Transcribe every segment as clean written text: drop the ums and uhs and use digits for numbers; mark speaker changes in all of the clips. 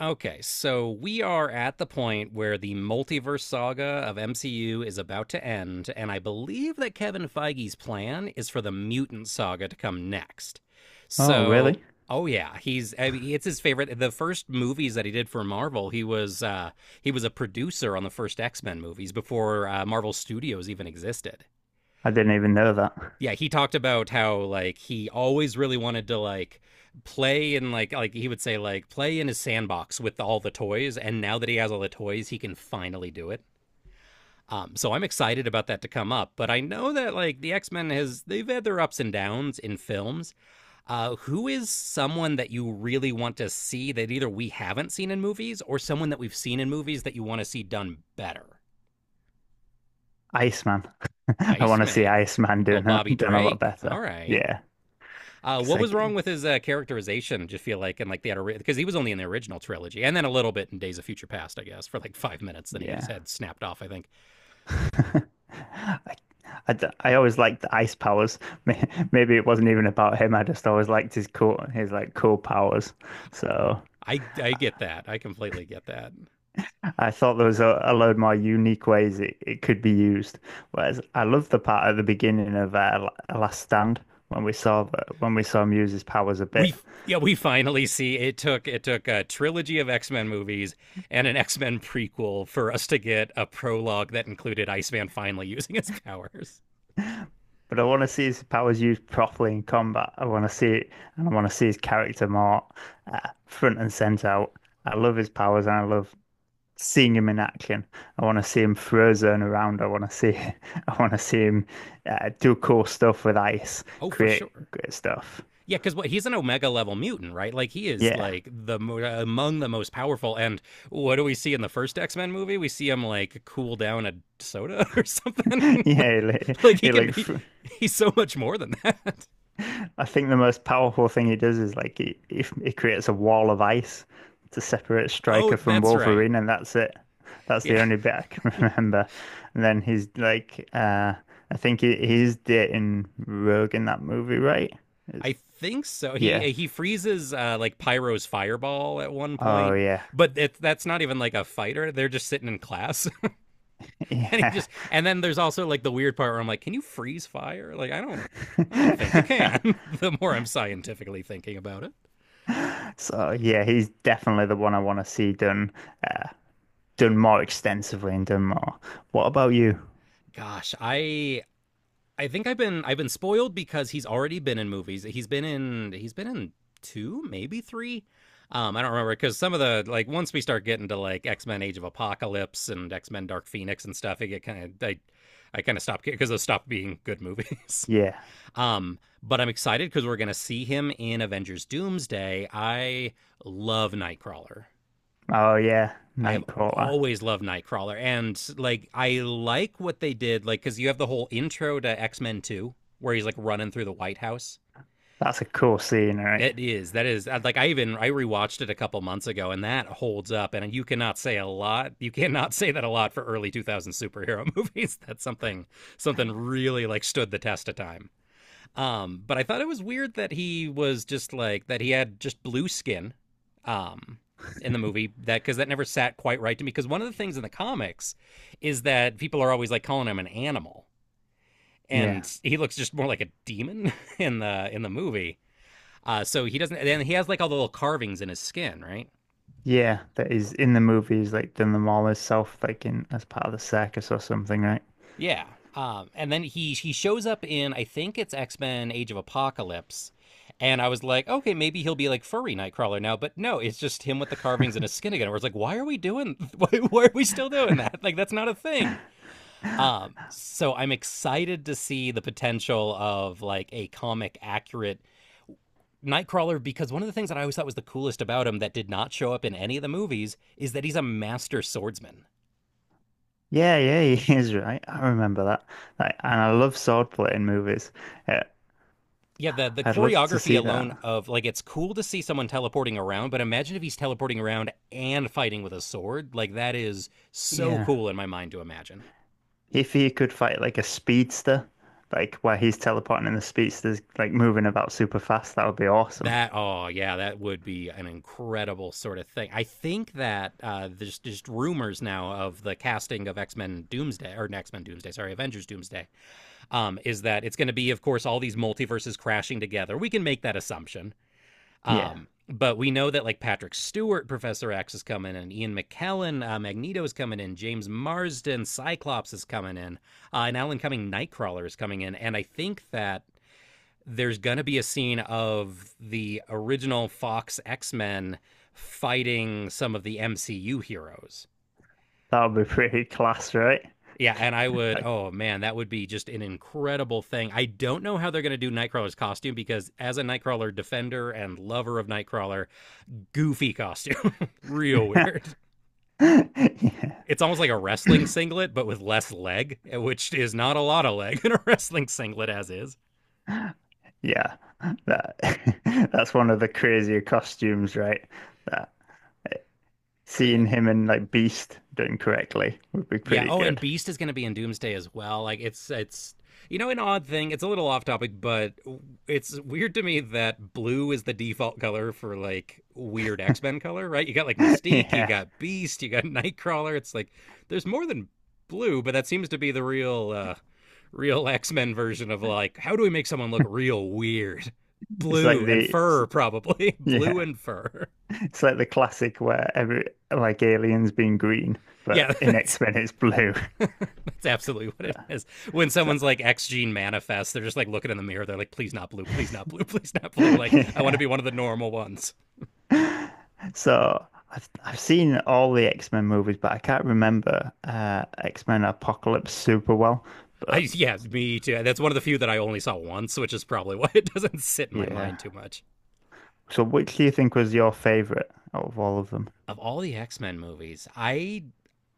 Speaker 1: Okay, so we are at the point where the multiverse saga of MCU is about to end, and I believe that Kevin Feige's plan is for the mutant saga to come next.
Speaker 2: Oh,
Speaker 1: So,
Speaker 2: really?
Speaker 1: oh yeah, he's I mean, it's his favorite. The first movies that he did for Marvel, he was a producer on the first X Men movies before Marvel Studios even existed.
Speaker 2: I didn't even know that.
Speaker 1: Yeah, he talked about how, like, he always really wanted to, like, play in, like he would say, like, play in his sandbox with all the toys, and now that he has all the toys he can finally do it. So I'm excited about that to come up, but I know that, like, the x-men has they've had their ups and downs in films. Who is someone that you really want to see that either we haven't seen in movies, or someone that we've seen in movies that you want to see done better?
Speaker 2: Iceman. I want to see
Speaker 1: Iceman.
Speaker 2: Iceman
Speaker 1: Little Bobby
Speaker 2: doing a lot
Speaker 1: Drake, all
Speaker 2: better.
Speaker 1: right.
Speaker 2: Yeah, because
Speaker 1: What was wrong with his characterization? Do you feel like, and, like, the because he was only in the original trilogy, and then a little bit in Days of Future Past, I guess, for like 5 minutes. Then he got his
Speaker 2: yeah,
Speaker 1: head snapped off, I think.
Speaker 2: I, I always liked the ice powers. Maybe it wasn't even about him. I just always liked his like cool powers. So
Speaker 1: I get that. I completely get that.
Speaker 2: I thought there was a load more unique ways it could be used. Whereas I love the part at the beginning of Last Stand when we saw when we saw him use his powers a
Speaker 1: We
Speaker 2: bit.
Speaker 1: Yeah, we finally see, it took a trilogy of X Men movies and an X Men prequel for us to get a prologue that included Iceman finally using his powers.
Speaker 2: But I want to see his powers used properly in combat. I want to see it, and I want to see his character more uh, front and center out. I love his powers, and I love seeing him in action. I want to see him frozen around. I want to see, I want to see him do cool stuff with ice,
Speaker 1: Oh, for
Speaker 2: create
Speaker 1: sure.
Speaker 2: great stuff.
Speaker 1: Yeah, because what he's an Omega level mutant, right? Like, he is
Speaker 2: Yeah,
Speaker 1: like the among the most powerful. And what do we see in the first X Men movie? We see him like cool down a soda or something.
Speaker 2: yeah, he, like
Speaker 1: like he
Speaker 2: he
Speaker 1: can,
Speaker 2: like
Speaker 1: he,
Speaker 2: fr-
Speaker 1: he's so much more than that.
Speaker 2: I think the most powerful thing he does is like he creates a wall of ice to separate
Speaker 1: Oh,
Speaker 2: Stryker from
Speaker 1: that's right.
Speaker 2: Wolverine, and that's it. That's the
Speaker 1: Yeah,
Speaker 2: only bit I can remember. And then he's like, I think he's dating Rogue in that movie, right? It's,
Speaker 1: I think so. He
Speaker 2: yeah.
Speaker 1: he freezes like Pyro's fireball at one
Speaker 2: Oh,
Speaker 1: point,
Speaker 2: yeah.
Speaker 1: but that's not even like a fighter. They're just sitting in class. and he
Speaker 2: Yeah.
Speaker 1: just and then there's also, like, the weird part where I'm like, can you freeze fire? Like, I don't think you can. The more I'm scientifically thinking about it.
Speaker 2: So, yeah, he's definitely the one I want to see done, uh, done more extensively and done more. What about you?
Speaker 1: Gosh, I think I've been spoiled because he's already been in movies. He's been in two, maybe three. I don't remember because some of the like once we start getting to, like, X Men Age of Apocalypse and X Men Dark Phoenix and stuff, it get kind of I kind of stopped because those stopped being good movies.
Speaker 2: Yeah.
Speaker 1: But I'm excited because we're gonna see him in Avengers Doomsday. I love Nightcrawler.
Speaker 2: Oh, yeah.
Speaker 1: I have
Speaker 2: Nightcrawler.
Speaker 1: always loved Nightcrawler, and, like, I like what they did, like, because you have the whole intro to X Men Two where he's, like, running through the White House.
Speaker 2: That's a cool scene, right?
Speaker 1: It is That is, like, I even I rewatched it a couple months ago, and that holds up. And you cannot say a lot. You cannot say that a lot for early 2000s superhero movies. That's something really, like, stood the test of time. But I thought it was weird that he was just, like, that he had just blue skin um in the movie, that cuz that never sat quite right to me, because one of the things in the comics is that people are always, like, calling him an animal,
Speaker 2: Yeah.
Speaker 1: and he looks just more like a demon in the movie. So he doesn't, and he has, like, all the little carvings in his skin, right?
Speaker 2: Yeah, that is in the movies, like doing the mall self, like in as part of the circus or something, right?
Speaker 1: Yeah. And then he shows up in, I think, it's X Men Age of Apocalypse, and I was like, okay, maybe he'll be like furry Nightcrawler now, but no, it's just him with the carvings and his skin again. Where it's like, why are we doing? Why are we still doing that? Like, that's not a thing. So I'm excited to see the potential of, like, a comic accurate Nightcrawler because one of the things that I always thought was the coolest about him that did not show up in any of the movies is that he's a master swordsman.
Speaker 2: Yeah, yeah, he is right. I remember that. Like, and I love swordplay in movies. Uh,
Speaker 1: Yeah, the
Speaker 2: I'd love to
Speaker 1: choreography
Speaker 2: see
Speaker 1: alone
Speaker 2: that.
Speaker 1: of, like, it's cool to see someone teleporting around, but imagine if he's teleporting around and fighting with a sword. Like, that is so
Speaker 2: Yeah.
Speaker 1: cool in my mind to imagine.
Speaker 2: If he could fight like a speedster, like where he's teleporting and the speedster's like moving about super fast, that would be awesome.
Speaker 1: That Oh yeah, that would be an incredible sort of thing. I think that there's just rumors now of the casting of X Men Doomsday, or X Men Doomsday, sorry, Avengers Doomsday. Is that it's going to be, of course, all these multiverses crashing together. We can make that assumption.
Speaker 2: Yeah.
Speaker 1: But we know that, like, Patrick Stewart, Professor X, is coming in, Ian McKellen, Magneto, is coming in, James Marsden, Cyclops, is coming in, and Alan Cumming, Nightcrawler, is coming in, and I think that there's gonna be a scene of the original Fox X Men fighting some of the MCU heroes.
Speaker 2: That would be
Speaker 1: Um,
Speaker 2: pretty class, right?
Speaker 1: yeah, and I would,
Speaker 2: Like,
Speaker 1: oh man, that would be just an incredible thing. I don't know how they're going to do Nightcrawler's costume because, as a Nightcrawler defender and lover of Nightcrawler, goofy costume. Real weird.
Speaker 2: yeah.
Speaker 1: It's almost like a wrestling singlet, but with less leg, which is not a lot of leg in a wrestling singlet as is.
Speaker 2: Yeah, that that's one of the crazier costumes, right? That
Speaker 1: But yeah.
Speaker 2: seeing him in like Beast done correctly would be
Speaker 1: Yeah.
Speaker 2: pretty
Speaker 1: Oh, and
Speaker 2: good.
Speaker 1: Beast is going to be in Doomsday as well. Like, it's an odd thing. It's a little off topic, but it's weird to me that blue is the default color for, like, weird X Men color, right? You got, like, Mystique, you
Speaker 2: Yeah,
Speaker 1: got Beast, you got Nightcrawler. It's like, there's more than blue, but that seems to be the real real X Men version of, like, how do we make someone look real weird?
Speaker 2: it's like
Speaker 1: Blue and
Speaker 2: the it's-
Speaker 1: fur, probably, blue
Speaker 2: yeah,
Speaker 1: and fur.
Speaker 2: it's like the classic where every like aliens being green,
Speaker 1: Yeah,
Speaker 2: but in
Speaker 1: that's
Speaker 2: X-Men it's blue.
Speaker 1: that's absolutely what it is. When
Speaker 2: So
Speaker 1: someone's, like, X gene manifests, they're just, like, looking in the mirror. They're like, please not blue, please not blue. Like, I want to
Speaker 2: yeah,
Speaker 1: be one of the normal ones.
Speaker 2: so I've seen all the X-Men movies, but I can't remember X-Men Apocalypse super well.
Speaker 1: I
Speaker 2: But
Speaker 1: Yeah, me too. That's one of the few that I only saw once, which is probably why it doesn't sit in my
Speaker 2: yeah,
Speaker 1: mind too much.
Speaker 2: so which do you think was your favorite out of all of them?
Speaker 1: Of all the X Men movies, I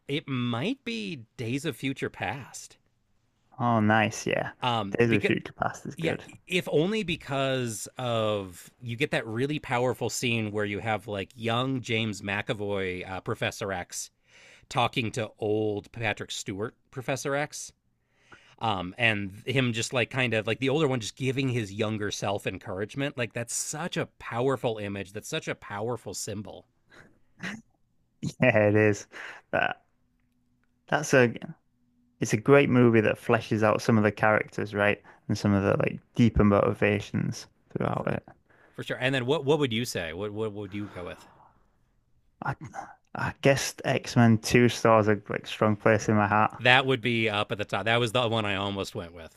Speaker 1: it might be Days of Future Past.
Speaker 2: Oh, nice. Yeah. Days of
Speaker 1: Because,
Speaker 2: Future Past is
Speaker 1: yeah,
Speaker 2: good.
Speaker 1: if only because of, you get that really powerful scene where you have, like, young James McAvoy, Professor X, talking to old Patrick Stewart, Professor X. And him just, like, kind of, like, the older one just giving his younger self encouragement. Like, that's such a powerful image. That's such a powerful symbol
Speaker 2: Yeah, it is. That that's a it's a great movie that fleshes out some of the characters, right? And some of the like deeper motivations throughout
Speaker 1: for
Speaker 2: it.
Speaker 1: for sure. And then what would you say? What would you go with?
Speaker 2: I I guess X-Men 2 stars a like strong place in my heart.
Speaker 1: That would be up at the top. That was the one I almost went with.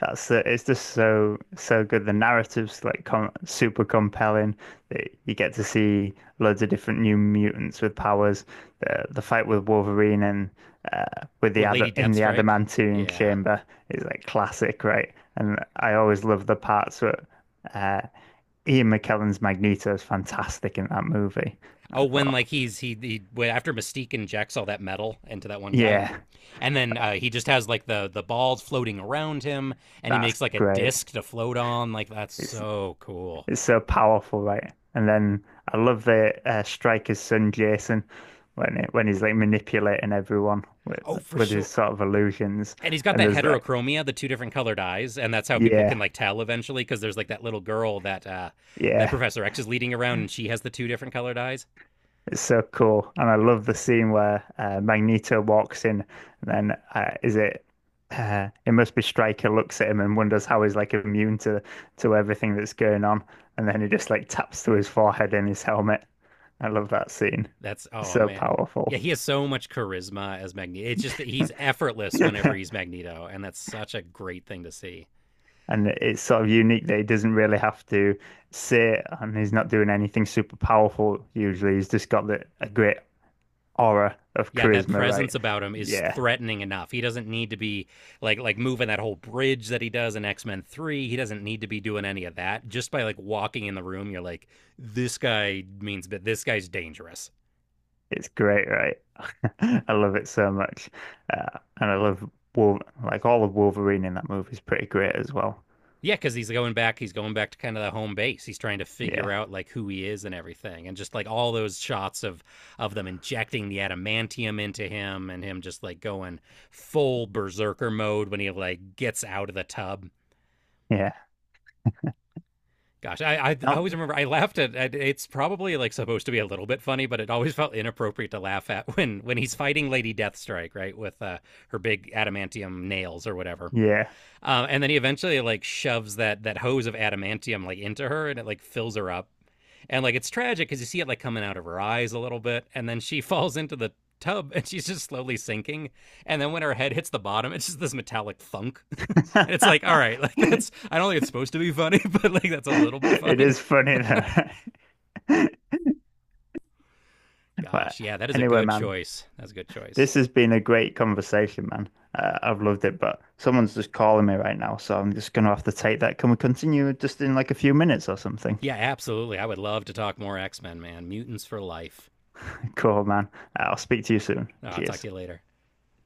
Speaker 2: That's the, it's just so good. The narrative's like com super compelling. That you get to see loads of different new mutants with powers. The fight with Wolverine and with
Speaker 1: Oh,
Speaker 2: the ad
Speaker 1: Lady
Speaker 2: in the
Speaker 1: Deathstrike.
Speaker 2: adamantium
Speaker 1: Yeah.
Speaker 2: chamber is like classic, right? And I always love the parts where uh, Ian McKellen's Magneto is fantastic in that movie.
Speaker 1: Oh,
Speaker 2: I
Speaker 1: when,
Speaker 2: thought,
Speaker 1: like, he's he after Mystique injects all that metal into that one guy.
Speaker 2: yeah,
Speaker 1: And then he just has, like, the balls floating around him, and he
Speaker 2: that's
Speaker 1: makes like a
Speaker 2: great.
Speaker 1: disc to float on. Like, that's
Speaker 2: It's
Speaker 1: so cool.
Speaker 2: It's so powerful, right? And then I love the striker's son Jason when he's like manipulating everyone
Speaker 1: Oh, for
Speaker 2: with his
Speaker 1: sure.
Speaker 2: sort of illusions.
Speaker 1: And he's got
Speaker 2: And
Speaker 1: that
Speaker 2: there's that,
Speaker 1: heterochromia, the two different colored eyes, and that's how people can,
Speaker 2: yeah,
Speaker 1: like, tell eventually, because there's, like, that little girl that
Speaker 2: yeah,
Speaker 1: Professor X is leading around, and she has the two different colored eyes.
Speaker 2: it's so cool. And I love the scene where Magneto walks in, and then is it? It must be Stryker looks at him and wonders how he's like immune to everything that's going on, and then he just like taps to his forehead in his helmet. I love that scene.
Speaker 1: That's
Speaker 2: It's
Speaker 1: Oh
Speaker 2: so
Speaker 1: man, yeah.
Speaker 2: powerful.
Speaker 1: He has so much charisma as Magneto. It's just that he's effortless whenever he's Magneto, and that's such a great thing to see.
Speaker 2: And it's sort of unique that he doesn't really have to sit and he's not doing anything super powerful usually. He's just got a great aura of
Speaker 1: Yeah, that
Speaker 2: charisma, right?
Speaker 1: presence about him is
Speaker 2: Yeah,
Speaker 1: threatening enough. He doesn't need to be like moving that whole bridge that he does in X-Men 3. He doesn't need to be doing any of that. Just by, like, walking in the room, you're like, this guy means, but this guy's dangerous.
Speaker 2: it's great, right? I love it so much. And I love Wolf like all of Wolverine in that movie is pretty great as well.
Speaker 1: Yeah, cuz he's going back to kind of the home base. He's trying to figure
Speaker 2: Yeah,
Speaker 1: out, like, who he is and everything. And just, like, all those shots of them injecting the adamantium into him and him just, like, going full berserker mode when he, like, gets out of the tub.
Speaker 2: yeah.
Speaker 1: Gosh, I
Speaker 2: Not,
Speaker 1: always remember I laughed at it's probably, like, supposed to be a little bit funny, but it always felt inappropriate to laugh at when he's fighting Lady Deathstrike, right, with her big adamantium nails or whatever.
Speaker 2: yeah.
Speaker 1: And then he eventually, like, shoves that hose of adamantium, like, into her, and it like fills her up. And, like, it's tragic because you see it like coming out of her eyes a little bit, and then she falls into the tub, and she's just slowly sinking. And then when her head hits the bottom, it's just this metallic thunk. And it's like, all right, like, that's I don't think it's supposed to be funny, but like, that's a little bit
Speaker 2: It
Speaker 1: funny.
Speaker 2: is funny though. But
Speaker 1: Gosh, yeah, that is a
Speaker 2: anyway,
Speaker 1: good
Speaker 2: man.
Speaker 1: choice. That's a good choice.
Speaker 2: This has been a great conversation, man. I've loved it, but someone's just calling me right now, so I'm just gonna have to take that. Can we continue just in like a few minutes or something?
Speaker 1: Yeah, absolutely. I would love to talk more X Men, man. Mutants for life.
Speaker 2: Cool, man. I'll speak to you soon.
Speaker 1: Oh, I'll talk
Speaker 2: Cheers.
Speaker 1: to you later.